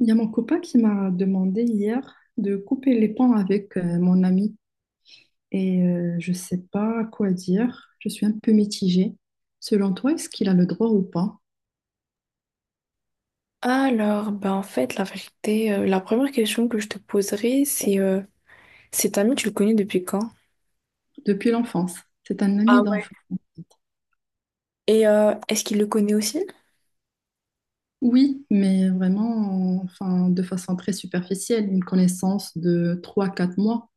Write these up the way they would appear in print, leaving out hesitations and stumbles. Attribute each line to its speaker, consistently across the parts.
Speaker 1: Il y a mon copain qui m'a demandé hier de couper les ponts avec mon ami et je ne sais pas quoi dire. Je suis un peu mitigée. Selon toi, est-ce qu'il a le droit ou pas?
Speaker 2: Alors, ben en fait, la vérité, la première question que je te poserai, c'est cet ami, tu le connais depuis quand?
Speaker 1: Depuis l'enfance, c'est un
Speaker 2: Ah
Speaker 1: ami
Speaker 2: ouais.
Speaker 1: d'enfance.
Speaker 2: Est-ce qu'il le connaît aussi?
Speaker 1: Oui, mais vraiment, enfin, de façon très superficielle, une connaissance de 3 4 mois.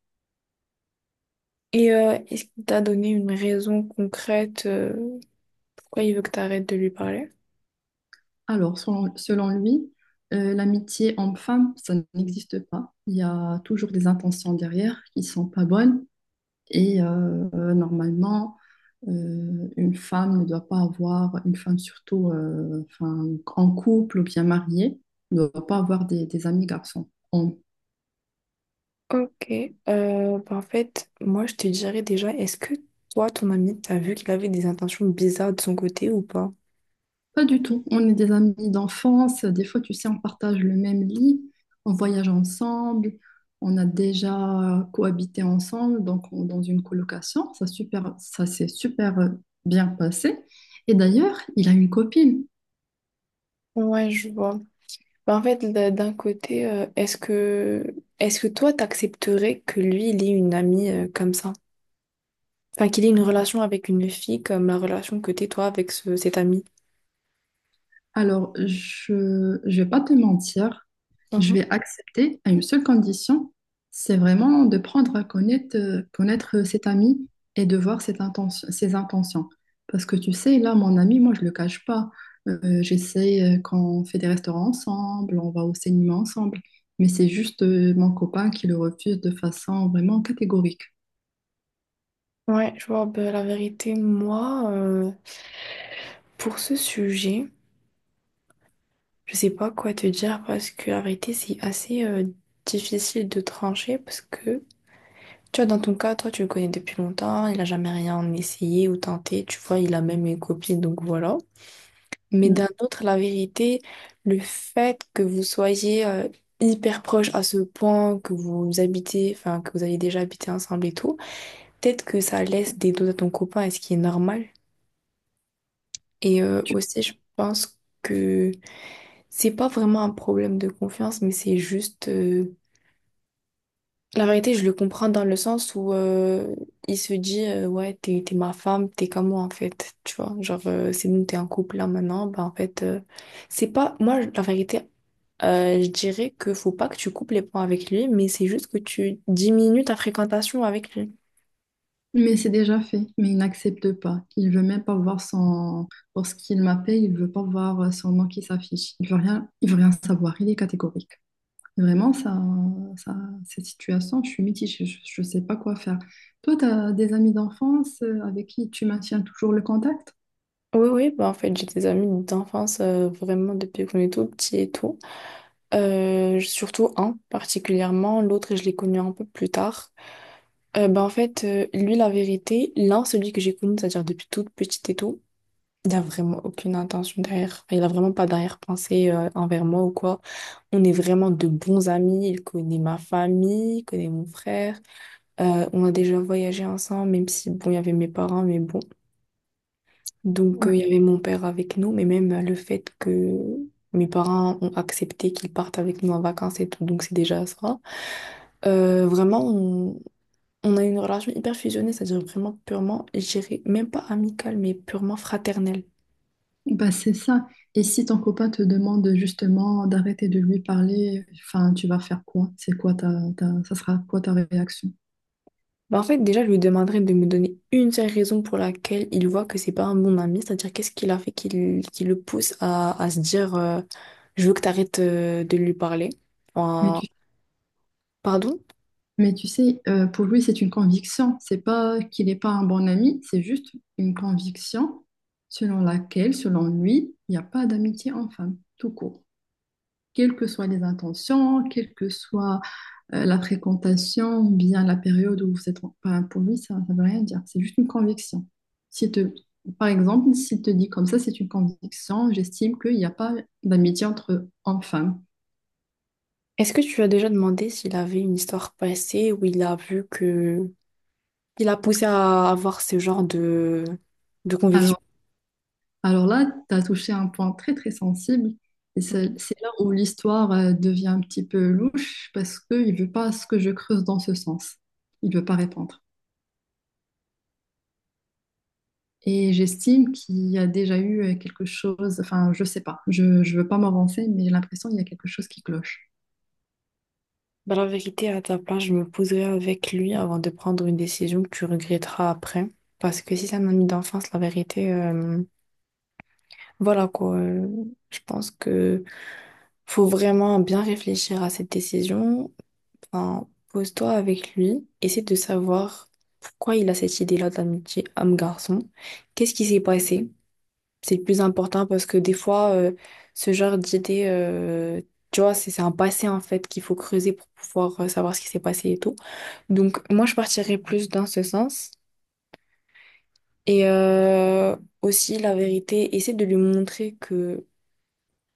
Speaker 2: Est-ce qu'il t'a donné une raison concrète pourquoi il veut que tu arrêtes de lui parler?
Speaker 1: Alors, selon lui, l'amitié homme-femme, ça n'existe pas. Il y a toujours des intentions derrière qui ne sont pas bonnes. Et normalement, une femme ne doit pas avoir, une femme surtout enfin, en couple ou bien mariée, ne doit pas avoir des amis garçons. On-
Speaker 2: Ok. Ben, en fait, moi, je te dirais déjà, est-ce que toi, ton ami, t'as vu qu'il avait des intentions bizarres de son côté ou pas?
Speaker 1: pas du tout. On est des amis d'enfance. Des fois, tu sais, on partage le même lit, on voyage ensemble, on a déjà cohabité ensemble, donc on- dans une colocation. Ça, super, ça s'est super bien passé. Et d'ailleurs, il a une copine.
Speaker 2: Ouais, je vois. Ben, en fait, d'un côté, est-ce que toi, t'accepterais que lui, il ait une amie comme ça? Enfin, qu'il ait une relation avec une fille comme la relation que t'es toi avec cet ami.
Speaker 1: Alors, je vais pas te mentir, je
Speaker 2: Mhm.
Speaker 1: vais accepter à une seule condition, c'est vraiment de prendre à connaître, connaître cet ami et de voir cette ses intentions. Parce que tu sais, là, mon ami, moi, je le cache pas. J'essaie quand on fait des restaurants ensemble, on va au cinéma ensemble, mais c'est juste mon copain qui le refuse de façon vraiment catégorique.
Speaker 2: Ouais, je vois, ben, la vérité, moi, pour ce sujet, je sais pas quoi te dire parce que la vérité, c'est assez difficile de trancher parce que, tu vois, dans ton cas, toi, tu le connais depuis longtemps, il a jamais rien essayé ou tenté, tu vois, il a même une copine, donc voilà. Mais
Speaker 1: Mm.
Speaker 2: d'un autre, la vérité, le fait que vous soyez hyper proches à ce point, que vous habitez, enfin, que vous avez déjà habité ensemble et tout, peut-être que ça laisse des doutes à ton copain, et ce qui est normal. Aussi, je pense que c'est pas vraiment un problème de confiance, mais c'est juste. La vérité, je le comprends dans le sens où il se dit ouais, t'es ma femme, t'es comme moi en fait. Tu vois, genre, c'est nous, t'es en couple là maintenant. Bah en fait, c'est pas. Moi, la vérité, je dirais que faut pas que tu coupes les ponts avec lui, mais c'est juste que tu diminues ta fréquentation avec lui.
Speaker 1: Mais c'est déjà fait, mais il n'accepte pas. Il veut même pas voir son... Lorsqu'il m'appelle, il veut pas voir son nom qui s'affiche. Il veut rien savoir, il est catégorique. Vraiment, ça, cette situation, je suis mitigée, je ne sais pas quoi faire. Toi, tu as des amis d'enfance avec qui tu maintiens toujours le contact?
Speaker 2: Oui, oui, bah en fait, j'ai des amis d'enfance vraiment depuis qu'on est tout petit et tout. Surtout un particulièrement, l'autre, je l'ai connu un peu plus tard. Bah en fait, lui, la vérité, l'un, celui que j'ai connu, c'est-à-dire depuis toute petite et tout, il n'y a vraiment aucune intention derrière. Enfin, il n'a vraiment pas d'arrière-pensée envers moi ou quoi. On est vraiment de bons amis. Il connaît ma famille, il connaît mon frère. On a déjà voyagé ensemble, même si, bon, il y avait mes parents, mais bon. Donc,
Speaker 1: Ouais.
Speaker 2: il y avait mon père avec nous, mais même le fait que mes parents ont accepté qu'ils partent avec nous en vacances et tout, donc c'est déjà ça. Vraiment, on a une relation hyper fusionnée, c'est-à-dire vraiment purement, je dirais même pas amicale, mais purement fraternelle.
Speaker 1: Bah, c'est ça. Et si ton copain te demande justement d'arrêter de lui parler, enfin, tu vas faire quoi? C'est quoi ça sera quoi ta réaction?
Speaker 2: Bah, en fait, déjà, je lui demanderais de me donner une seule raison pour laquelle il voit que c'est pas un bon ami, c'est-à-dire qu'est-ce qu'il a fait qui le pousse à se dire je veux que t'arrêtes de lui parler.
Speaker 1: Mais
Speaker 2: Enfin,
Speaker 1: tu.
Speaker 2: pardon?
Speaker 1: Mais tu sais, pour lui, c'est une conviction. C'est pas qu'il n'est pas un bon ami, c'est juste une conviction selon laquelle, selon lui, il n'y a pas d'amitié en femme, tout court. Quelles que soient les intentions, quelle que soit la fréquentation, ou bien la période où vous êtes, enfin, pour lui, ça ne veut rien dire. C'est juste une conviction. Si te, par exemple, s'il te dit comme ça, c'est une conviction, j'estime qu'il n'y a pas d'amitié entre hommes-femmes.
Speaker 2: Est-ce que tu as déjà demandé s'il avait une histoire passée où il a vu que... Il a poussé à avoir ce genre de conviction?
Speaker 1: Alors, Alors là, tu as touché un point très très sensible et c'est
Speaker 2: Mhm.
Speaker 1: c'est là où l'histoire devient un petit peu louche parce qu'il ne veut pas ce que je creuse dans ce sens. Il ne veut pas répondre. Et j'estime qu'il y a déjà eu quelque chose, enfin je sais pas, je ne veux pas m'avancer, mais j'ai l'impression qu'il y a quelque chose qui cloche.
Speaker 2: Bah, la vérité, à ta place, je me poserai avec lui avant de prendre une décision que tu regretteras après. Parce que si c'est un ami d'enfance, la vérité, voilà quoi. Je pense que faut vraiment bien réfléchir à cette décision. Enfin, pose-toi avec lui, essaie de savoir pourquoi il a cette idée-là d'amitié homme-garçon. Qu'est-ce qui s'est passé? C'est le plus important parce que des fois, ce genre d'idée, tu vois, c'est un passé en fait qu'il faut creuser pour pouvoir savoir ce qui s'est passé et tout. Donc, moi, je partirais plus dans ce sens. Et aussi, la vérité, essaie de lui montrer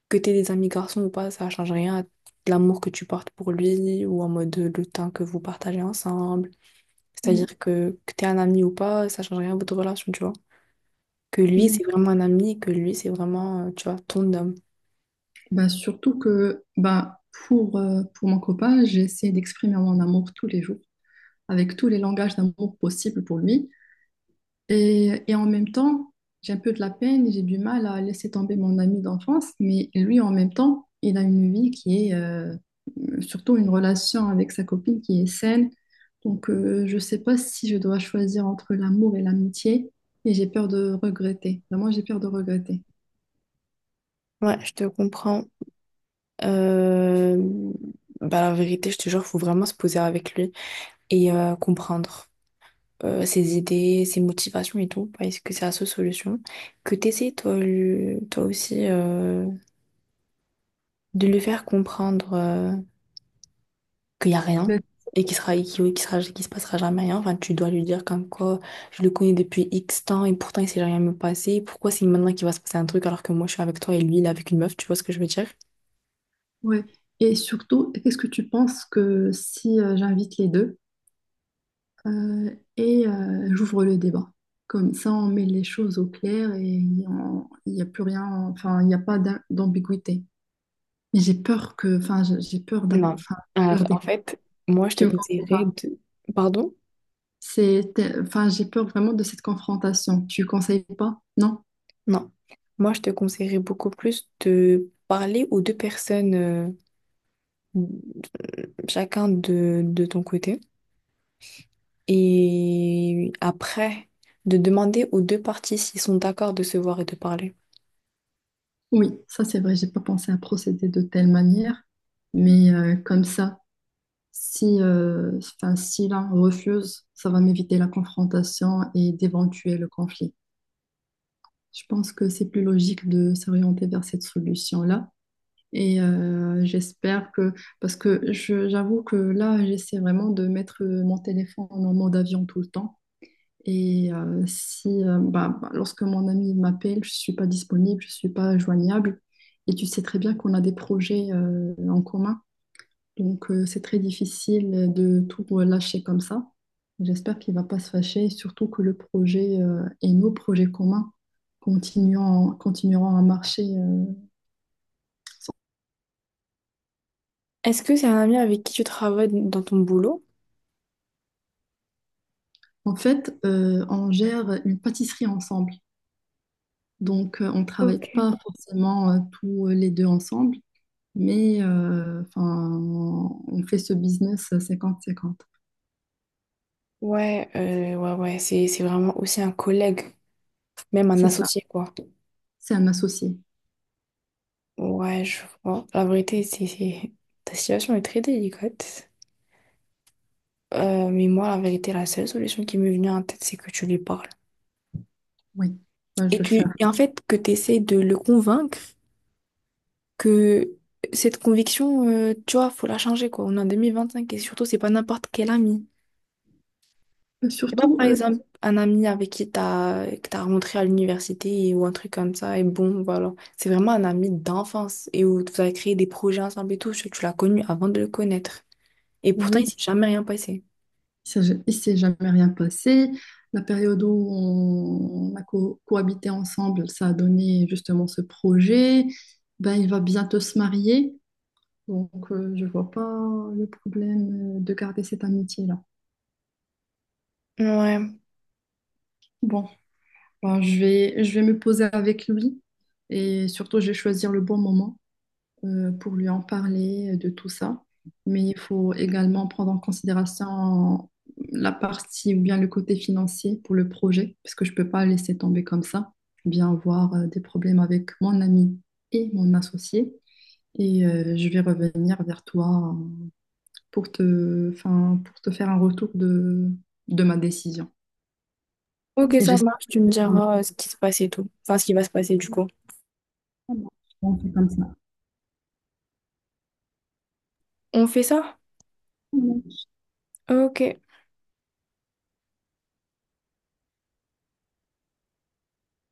Speaker 2: que t'aies des amis garçons ou pas, ça change rien à l'amour que tu portes pour lui ou en mode le temps que vous partagez ensemble.
Speaker 1: Oui,
Speaker 2: C'est-à-dire que t'es un ami ou pas, ça change rien à votre relation, tu vois. Que lui,
Speaker 1: mais
Speaker 2: c'est vraiment un ami, que lui, c'est vraiment, tu vois, ton homme.
Speaker 1: bah, surtout que bah, pour mon copain, j'essaie d'exprimer mon amour tous les jours, avec tous les langages d'amour possibles pour lui. Et en même temps, j'ai un peu de la peine, j'ai du mal à laisser tomber mon ami d'enfance, mais lui, en même temps, il a une vie qui est surtout une relation avec sa copine qui est saine. Donc, je ne sais pas si je dois choisir entre l'amour et l'amitié, et j'ai peur de regretter. Vraiment, j'ai peur de regretter.
Speaker 2: Ouais, je te comprends. Euh, bah, la vérité, je te jure, faut vraiment se poser avec lui et comprendre ses idées, ses motivations et tout, parce que c'est la seule solution. Que t'essayes toi, toi aussi de lui faire comprendre qu'il n'y a rien
Speaker 1: Ben,
Speaker 2: et qu'il sera, et qu'il, qu'il sera, qu'il se passera jamais rien. Enfin, tu dois lui dire comme quoi je le connais depuis X temps et pourtant il s'est jamais passé. Pourquoi c'est maintenant qu'il va se passer un truc alors que moi je suis avec toi et lui il est avec une meuf, tu vois ce que je veux dire?
Speaker 1: ouais. Et surtout, qu'est-ce que tu penses que si j'invite les deux? Et j'ouvre le débat. Comme ça, on met les choses au clair et on- il n'y a plus rien, enfin, il n'y a pas d'ambiguïté. Mais j'ai peur que, enfin, j'ai peur d'avoir,
Speaker 2: Non.
Speaker 1: enfin,
Speaker 2: Alors,
Speaker 1: peur
Speaker 2: en
Speaker 1: des...
Speaker 2: fait, moi, je te
Speaker 1: Tu me conseilles
Speaker 2: conseillerais
Speaker 1: pas.
Speaker 2: de... Pardon?
Speaker 1: Enfin, j'ai peur vraiment de cette confrontation. Tu conseilles pas? Non?
Speaker 2: Non. Moi, je te conseillerais beaucoup plus de parler aux deux personnes, chacun de ton côté. Et après, de demander aux deux parties s'ils sont d'accord de se voir et de parler.
Speaker 1: Oui, ça c'est vrai, j'ai pas pensé à procéder de telle manière, mais comme ça, si, enfin, si l'un refuse, ça va m'éviter la confrontation et d'éventuels conflits. Je pense que c'est plus logique de s'orienter vers cette solution-là. Et j'espère que, parce que j'avoue que là, j'essaie vraiment de mettre mon téléphone en mode avion tout le temps. Et si, lorsque mon ami m'appelle, je ne suis pas disponible, je ne suis pas joignable. Et tu sais très bien qu'on a des projets en commun. Donc, c'est très difficile de tout lâcher comme ça. J'espère qu'il ne va pas se fâcher, et surtout que le projet et nos projets communs continueront à marcher. Sans-
Speaker 2: Est-ce que c'est un ami avec qui tu travailles dans ton boulot?
Speaker 1: En fait, on gère une pâtisserie ensemble. Donc, on ne travaille
Speaker 2: Ok.
Speaker 1: pas forcément tous les deux ensemble, mais enfin, on fait ce business 50-50.
Speaker 2: Ouais, ouais, ouais, c'est vraiment aussi un collègue, même un
Speaker 1: C'est ça,
Speaker 2: associé, quoi.
Speaker 1: c'est un associé.
Speaker 2: Ouais, je vois. La vérité, ta situation est très délicate. Mais moi, la vérité, la seule solution qui m'est venue en tête, c'est que tu lui parles.
Speaker 1: Oui, moi, je
Speaker 2: Et
Speaker 1: veux
Speaker 2: tu,
Speaker 1: faire.
Speaker 2: et en fait, que tu essaies de le convaincre que cette conviction, tu vois, faut la changer, quoi. On est en 2025 et surtout, c'est pas n'importe quel ami. C'est pas,
Speaker 1: Surtout,
Speaker 2: par exemple, un ami avec qui que t'as rencontré à l'université ou un truc comme ça, et bon, voilà. C'est vraiment un ami d'enfance et où vous avez créé des projets ensemble et tout. Tu l'as connu avant de le connaître. Et pourtant, il
Speaker 1: oui.
Speaker 2: s'est jamais rien passé.
Speaker 1: Il ne s'est jamais rien passé. La période où on a cohabité ensemble, ça a donné justement ce projet. Ben, il va bientôt se marier, donc je ne vois pas le problème de garder cette amitié-là.
Speaker 2: Ouais.
Speaker 1: Bon, ben, je vais me poser avec lui et surtout, je vais choisir le bon moment pour lui en parler de tout ça. Mais il faut également prendre en considération la partie ou bien le côté financier pour le projet, parce que je ne peux pas laisser tomber comme ça, bien voir des problèmes avec mon ami et mon associé. Et je vais revenir vers toi pour enfin, pour te faire un retour de ma décision.
Speaker 2: Ok,
Speaker 1: Et
Speaker 2: ça
Speaker 1: j'espère
Speaker 2: marche,
Speaker 1: que
Speaker 2: tu me
Speaker 1: tu prendras.
Speaker 2: diras ce qui se passe et tout. Enfin, ce qui va se passer du coup.
Speaker 1: Comme ça.
Speaker 2: On fait ça? Ok.